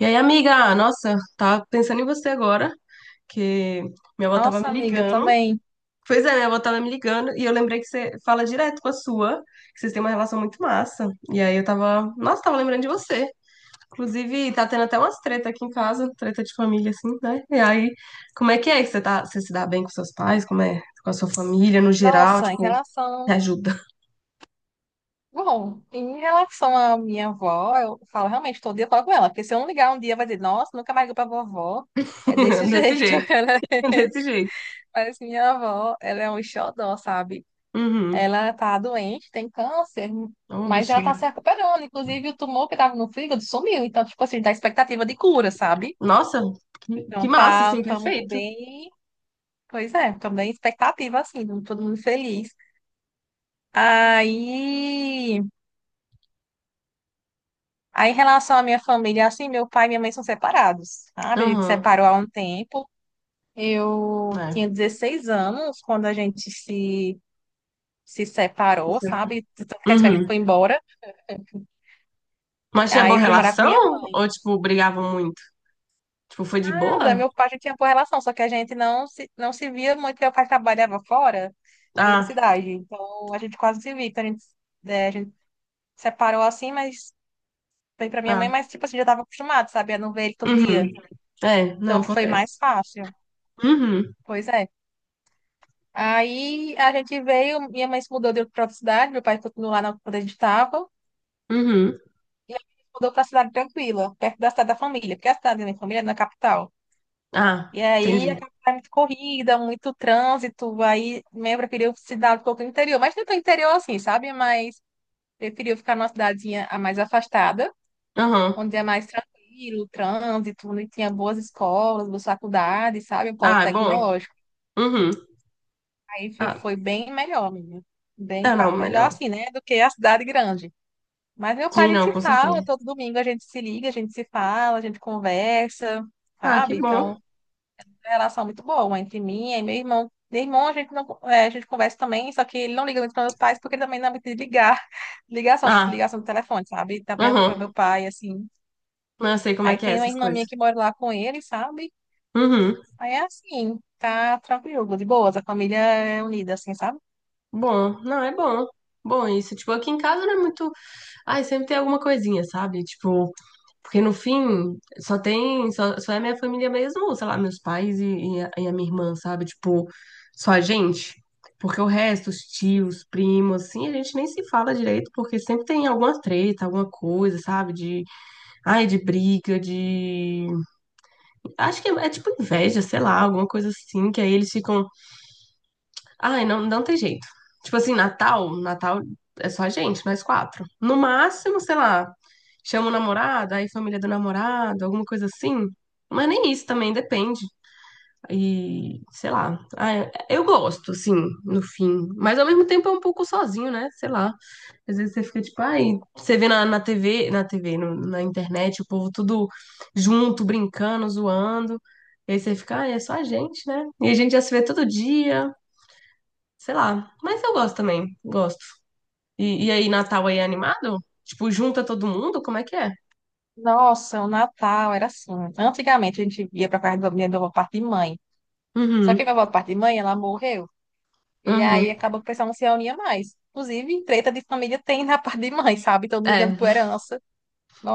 E aí, amiga, nossa, tava pensando em você agora, que minha avó tava Nossa, me amiga, ligando. também. Pois é, minha avó tava me ligando e eu lembrei que você fala direto com a sua, que vocês têm uma relação muito massa. E aí eu tava, nossa, tava lembrando de você. Inclusive, tá tendo até umas treta aqui em casa, treta de família, assim, né? E aí, como é que você tá, você se dá bem com seus pais? Como é com a sua família no geral? Nossa, em Tipo, relação. me ajuda. Bom, em relação à minha avó, eu falo realmente todo dia eu falo com ela, porque se eu não ligar um dia, vai dizer, nossa, nunca mais ligou pra vovó. É desse Desse jeito. jeito, Ela... desse jeito. Mas minha avó, ela é um xodó, sabe? Uhum. Ela tá doente, tem câncer, Ô, mas ela tá bichinha. se recuperando. Inclusive, o tumor que tava no fígado sumiu. Então, tipo assim, dá expectativa de cura, sabe? Nossa, que Então, massa, tá, assim, tamo perfeito. bem. Pois é, também expectativa, assim, todo mundo feliz. Aí. Aí, em relação à minha família, assim, meu pai e minha mãe são separados, sabe? A gente Uhum. separou há um tempo. Eu Né. tinha 16 anos quando a gente se separou, sabe? Quer dizer, a gente Uhum. foi embora. Mas tinha Aí boa eu fui morar com minha relação? mãe. Ou, tipo, brigavam muito? Tipo, foi de Nada, boa? meu pai já tinha boa relação, só que a gente não se via muito, porque meu pai trabalhava fora, em outra Ah, cidade. Então, a gente quase se via. Então, a gente separou assim, mas foi pra minha mãe, ah. mas, tipo assim, já tava acostumado, sabe? A não ver ele todo Uhum. dia. É, não, Então, foi acontece. mais fácil. Uhum. Pois é. Aí a gente veio, minha mãe se mudou de outra cidade, meu pai continuou lá onde a gente estava, Uhum. e a gente se mudou para a cidade tranquila, perto da cidade da família, porque a cidade da minha família é na capital. Ah, E aí entendi. a capital é muito corrida, muito trânsito, aí minha mãe preferiu cidade um pouco no interior, mas não tão interior assim, sabe? Mas preferiu ficar numa cidadezinha a mais afastada, Uhum. onde é mais tranquilo, o trânsito, onde tinha boas escolas, boas faculdades, sabe? O polo Ah, é bom. tecnológico. Uhum. Aí Ah, foi bem melhor, menina. Bem, é, não, melhor melhor. assim, né? Do que a cidade grande. Mas meu pai, a Sim, gente não, se com fala, certeza. todo domingo a gente se liga, a gente se fala, a gente conversa, Ah, que sabe? bom. Então, é uma relação muito boa entre mim e meu irmão. Meu irmão, a gente não, é, a gente conversa também, só que ele não liga muito para meus pais, porque ele também não é muito de ligar. Ligação, tipo, Ah, ligação do telefone, sabe? Também para uhum. meu pai, assim. Não, eu sei como é Aí que é tem uma essas irmã minha coisas. que mora lá com ele, sabe? Uhum. Aí é assim, tá tranquilo, de boas, a família é unida, assim, sabe? Bom, não, é bom. Bom, isso, tipo, aqui em casa não é muito. Ai, sempre tem alguma coisinha, sabe? Tipo, porque no fim, só é minha família mesmo, sei lá, meus pais e a minha irmã, sabe? Tipo, só a gente. Porque o resto, os tios, primos, assim, a gente nem se fala direito, porque sempre tem alguma treta, alguma coisa, sabe? De, ai, de briga, de... Acho que é tipo inveja, sei lá, alguma coisa assim, que aí eles ficam. Ai, não, não tem jeito. Tipo assim, Natal, Natal é só a gente, nós quatro. No máximo, sei lá, chama o namorado, aí família do namorado, alguma coisa assim. Mas nem isso também depende. E, sei lá. Ai, eu gosto, assim, no fim. Mas ao mesmo tempo é um pouco sozinho, né? Sei lá. Às vezes você fica tipo, ai, você vê na TV, na TV, na internet, o povo tudo junto, brincando, zoando. E aí você fica, ai, é só a gente, né? E a gente já se vê todo dia. Sei lá. Mas eu gosto também. Gosto. E aí, Natal aí é animado? Tipo, junta todo mundo? Como é que é? Nossa, o Natal era assim. Antigamente a gente ia para casa da minha avó parte de mãe. Só que a Uhum. minha avó parte de mãe, ela morreu. E Uhum. aí acabou que o pessoal não se reunia mais. Inclusive, treta de família tem na parte de mãe, sabe? Todo mundo ligando É. por herança.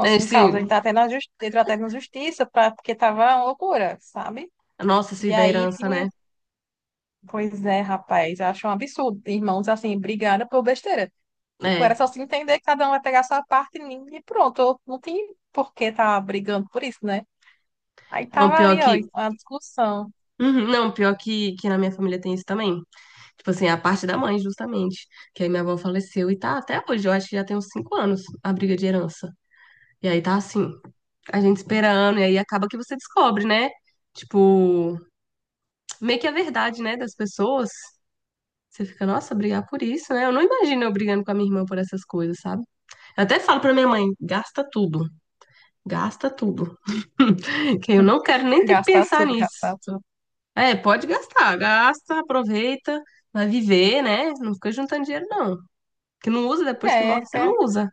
É, um caos. A gente sim. tá até na justi... entrou até na justiça pra... porque tava uma loucura, sabe? Nossa, isso aí E da aí herança, tinha. né? Pois é, rapaz, eu acho um absurdo. Irmãos assim, brigando por besteira. Tipo, era É. só se entender que cada um vai pegar a sua parte e pronto. Não tem por que tá brigando por isso, né? Aí Não, tava pior ali, ó, que. uma discussão. Uhum, não, pior que na minha família tem isso também. Tipo assim, a parte da mãe, justamente. Que aí minha avó faleceu e tá até hoje. Eu acho que já tem uns 5 anos a briga de herança. E aí tá assim, a gente esperando. E aí acaba que você descobre, né? Tipo, meio que a verdade, né, das pessoas. Você fica, nossa, brigar por isso, né? Eu não imagino eu brigando com a minha irmã por essas coisas, sabe? Eu até falo pra minha mãe, gasta tudo, gasta tudo. Que eu Hum, não quero nem ter que gastar pensar tudo, nisso. gastar tudo. É, pode gastar, gasta, aproveita, vai viver, né? Não fica juntando dinheiro, não. Que não usa, depois que É, morre, você não usa.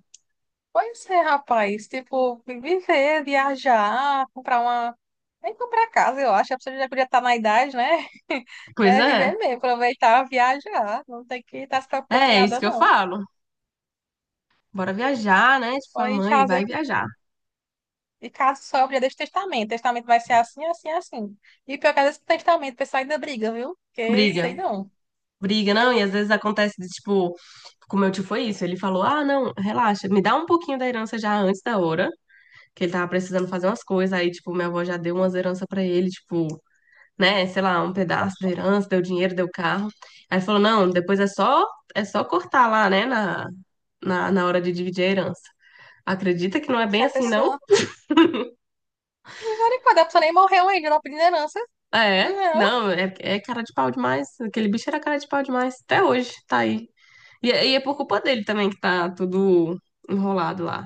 pois é, rapaz. Tipo, viver, viajar, comprar uma. Nem comprar casa, eu acho. A pessoa já podia estar na idade, né? Pois É viver é, mesmo, aproveitar, viajar. Não tem que estar se preocupando com é isso nada, que eu não. falo. Bora viajar, né? Tipo, Ou falo, ir mãe, fazer. vai Tipo, viajar. e caso sobre, deixa o testamento. Testamento vai ser assim, assim, assim. E pior que às vezes com testamento, o pessoal ainda briga, viu? Porque sei Briga. não. Briga, não, e às vezes acontece de, tipo, com meu tio foi isso, ele falou, ah, não, relaxa, me dá um pouquinho da herança já antes da hora, que ele tava precisando fazer umas coisas, aí, tipo, minha avó já deu umas heranças pra ele, tipo, né, sei lá, um pedaço da herança, deu dinheiro, deu carro, aí falou, não, depois é só cortar lá, né, na hora de dividir a herança. Acredita que não é Poxa, bem a assim, não? pessoa. Misericórdia, a pessoa nem morreu ainda, não pediu herança. É, Não. não, é cara de pau demais, aquele bicho era cara de pau demais, até hoje, tá aí. E é por culpa dele também que tá tudo enrolado lá.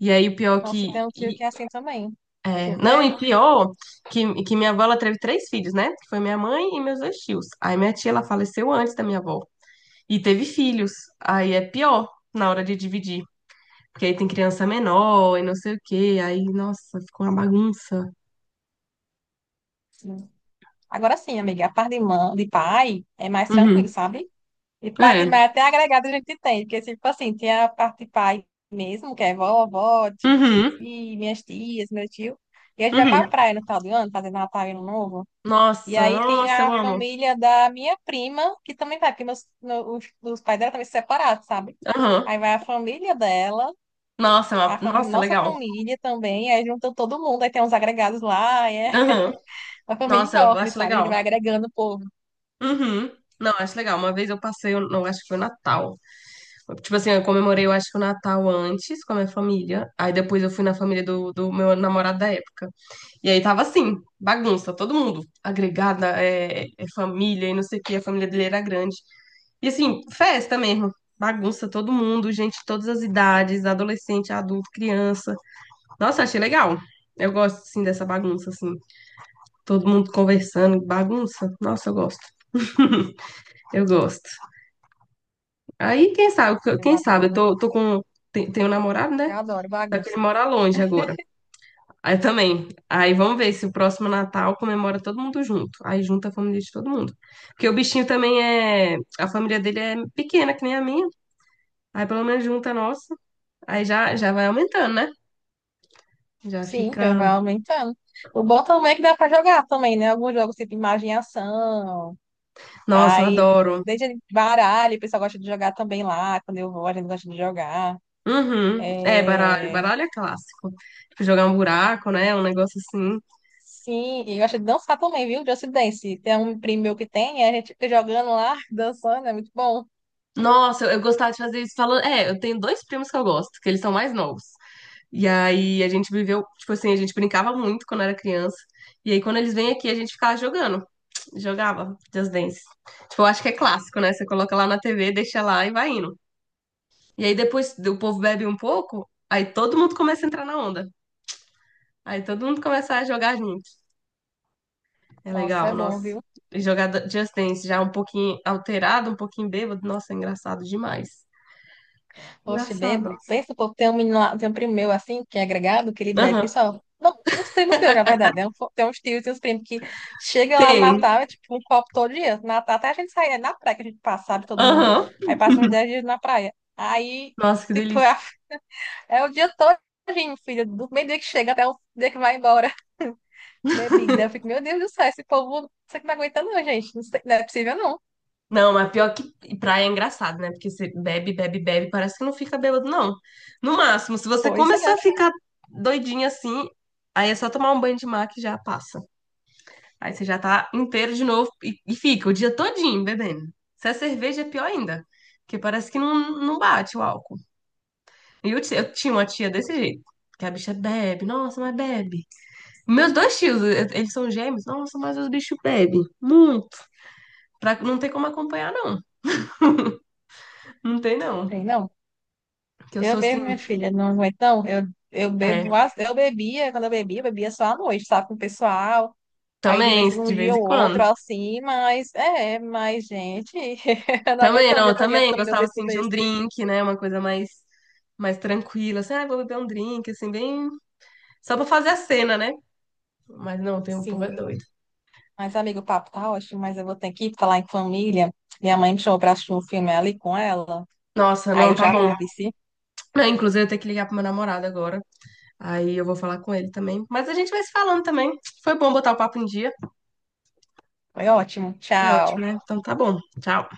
E aí, o pior Nossa, que. tem um tio e- que é assim também. É, não, e Super. pior que minha avó ela teve três filhos, né? Que foi minha mãe e meus dois tios. Aí minha tia ela faleceu antes da minha avó. E teve filhos. Aí é pior na hora de dividir. Porque aí tem criança menor e não sei o quê. Aí, nossa, ficou uma bagunça. Sim. Agora sim, amiga, a parte de, mãe, de pai é mais tranquilo, Uhum. sabe? E pai de É. mãe até agregado a gente tem, porque tipo assim, tem a parte de pai mesmo, que é vovó, titi, Uhum. minhas tias, meu tio. E a gente vai pra Uhum. praia no final do ano, fazer Natal e Ano Novo. E Nossa, aí tem nossa, eu a amo. família da minha prima, que também vai, porque os pais dela também se separaram, sabe? Aham. Aí vai a família dela. Nossa, é nossa, Nossa legal. família também, aí junta todo mundo, aí tem uns agregados lá, aí é Aham. uma família Nossa, eu enorme, acho sabe? A gente legal. vai agregando o povo. Uhum. Não, acho legal. Uma vez eu passei, eu não acho que foi o Natal. Tipo assim, eu comemorei, eu acho que o Natal antes com a minha família. Aí depois eu fui na família do meu namorado da época. E aí tava assim, bagunça, todo mundo. Agregada, é família e não sei o que, a família dele era grande. E assim, festa mesmo. Bagunça, todo mundo, gente de todas as idades, adolescente, adulto, criança. Nossa, achei legal. Eu gosto, assim, dessa bagunça, assim. Todo mundo conversando, bagunça. Nossa, eu gosto. Eu gosto. Aí, Eu quem sabe, eu adoro, tô com. Tenho um namorado, né? eu adoro Só que ele bagunça. mora longe agora. Aí também. Aí vamos ver se o próximo Natal comemora todo mundo junto. Aí junta a família de todo mundo. Porque o bichinho também é. A família dele é pequena, que nem a minha. Aí pelo menos junta a nossa. Aí já, já vai aumentando, né? Já Sim, já vai fica. aumentando. O bom também é que dá pra jogar também, né? Alguns jogos tipo imagem e ação, Nossa, eu aí adoro. desde baralho, o pessoal gosta de jogar também lá, quando eu vou, a gente gosta de jogar. Uhum. É, baralho. É... Baralho é clássico. Tipo, jogar um buraco, né? Um negócio assim. Sim, e eu gosta de dançar também, viu? Just Dance. Tem um primo meu que tem, a gente fica jogando lá, dançando, é muito bom. Nossa, eu gostava de fazer isso falando. É, eu tenho dois primos que eu gosto, que eles são mais novos. E aí a gente viveu, tipo assim, a gente brincava muito quando era criança. E aí quando eles vêm aqui, a gente ficava jogando, jogava Just Dance. Tipo, eu acho que é clássico, né? Você coloca lá na TV, deixa lá e vai indo. E aí depois o povo bebe um pouco, aí todo mundo começa a entrar na onda. Aí todo mundo começa a jogar junto. É Nossa, é legal, bom, nossa. viu? E jogar Just Dance já um pouquinho alterado, um pouquinho bêbado, nossa, é engraçado demais. Poxa, Engraçado. bebo. Pensa, pô, tem um menino lá, tem um primo meu assim, que é agregado, que ele bebe Aham, que só. Não, uns primos teus, na verdade, né? Tem uns tios e uns primos que chega lá no tem. Natal, é tipo um copo todo dia. No Natal até a gente sai, é na praia que a gente passa, sabe, todo mundo. Aham. Aí passa uns 10 dias na praia. Aí, Nossa, que tipo, delícia. é, é o dia todinho, filho, do meio dia que chega até o dia que vai embora. Bebida. Eu fico, meu Deus do céu, esse povo, isso aqui não aguenta não, gente. Não sei, não é possível não. Não, mas pior que praia é engraçado, né? Porque você bebe, bebe, bebe, parece que não fica bêbado, não. No máximo, se você Pois é. começar a ficar doidinha assim, aí é só tomar um banho de mar que já passa. Aí você já tá inteiro de novo e fica o dia todinho bebendo. Se é cerveja, é pior ainda. Porque parece que não, não bate o álcool. E eu tinha uma tia desse jeito. Que a bicha bebe, nossa, mas bebe. Meus dois tios, eles são gêmeos, nossa, mas os bichos bebem muito. Pra, não tem como acompanhar, não. Não tem, não. Tem Não. Que eu Eu sou assim. mesmo, minha filha, não é tão. Eu bebo, É, eu bebia, quando eu bebia só à noite, sabe, com o pessoal. Aí de também, vez em um de vez dia em ou outro, quando. assim, mas é, mas, gente, eu não aguento Também, não, o não, dia eu todo dia também ficando gostava, bebendo assim, tudo de um isso. drink, né? Uma coisa mais tranquila, assim, ah, vou beber um drink, assim, bem... Só pra fazer a cena, né? Mas não, tem o povo é Sim. doido. Mas, amigo, o papo tá ótimo, mas eu vou ter que ir falar em família. Minha mãe me chamou pra assistir um filme ali com ela. Nossa, Aí não, eu tá já bom. vou, vice. Não, inclusive, eu tenho que ligar pro meu namorado agora. Aí eu vou falar com ele também. Mas a gente vai se falando também. Foi bom botar o papo em dia. Foi ótimo. Foi ótimo, Tchau. né? Então tá bom. Tchau.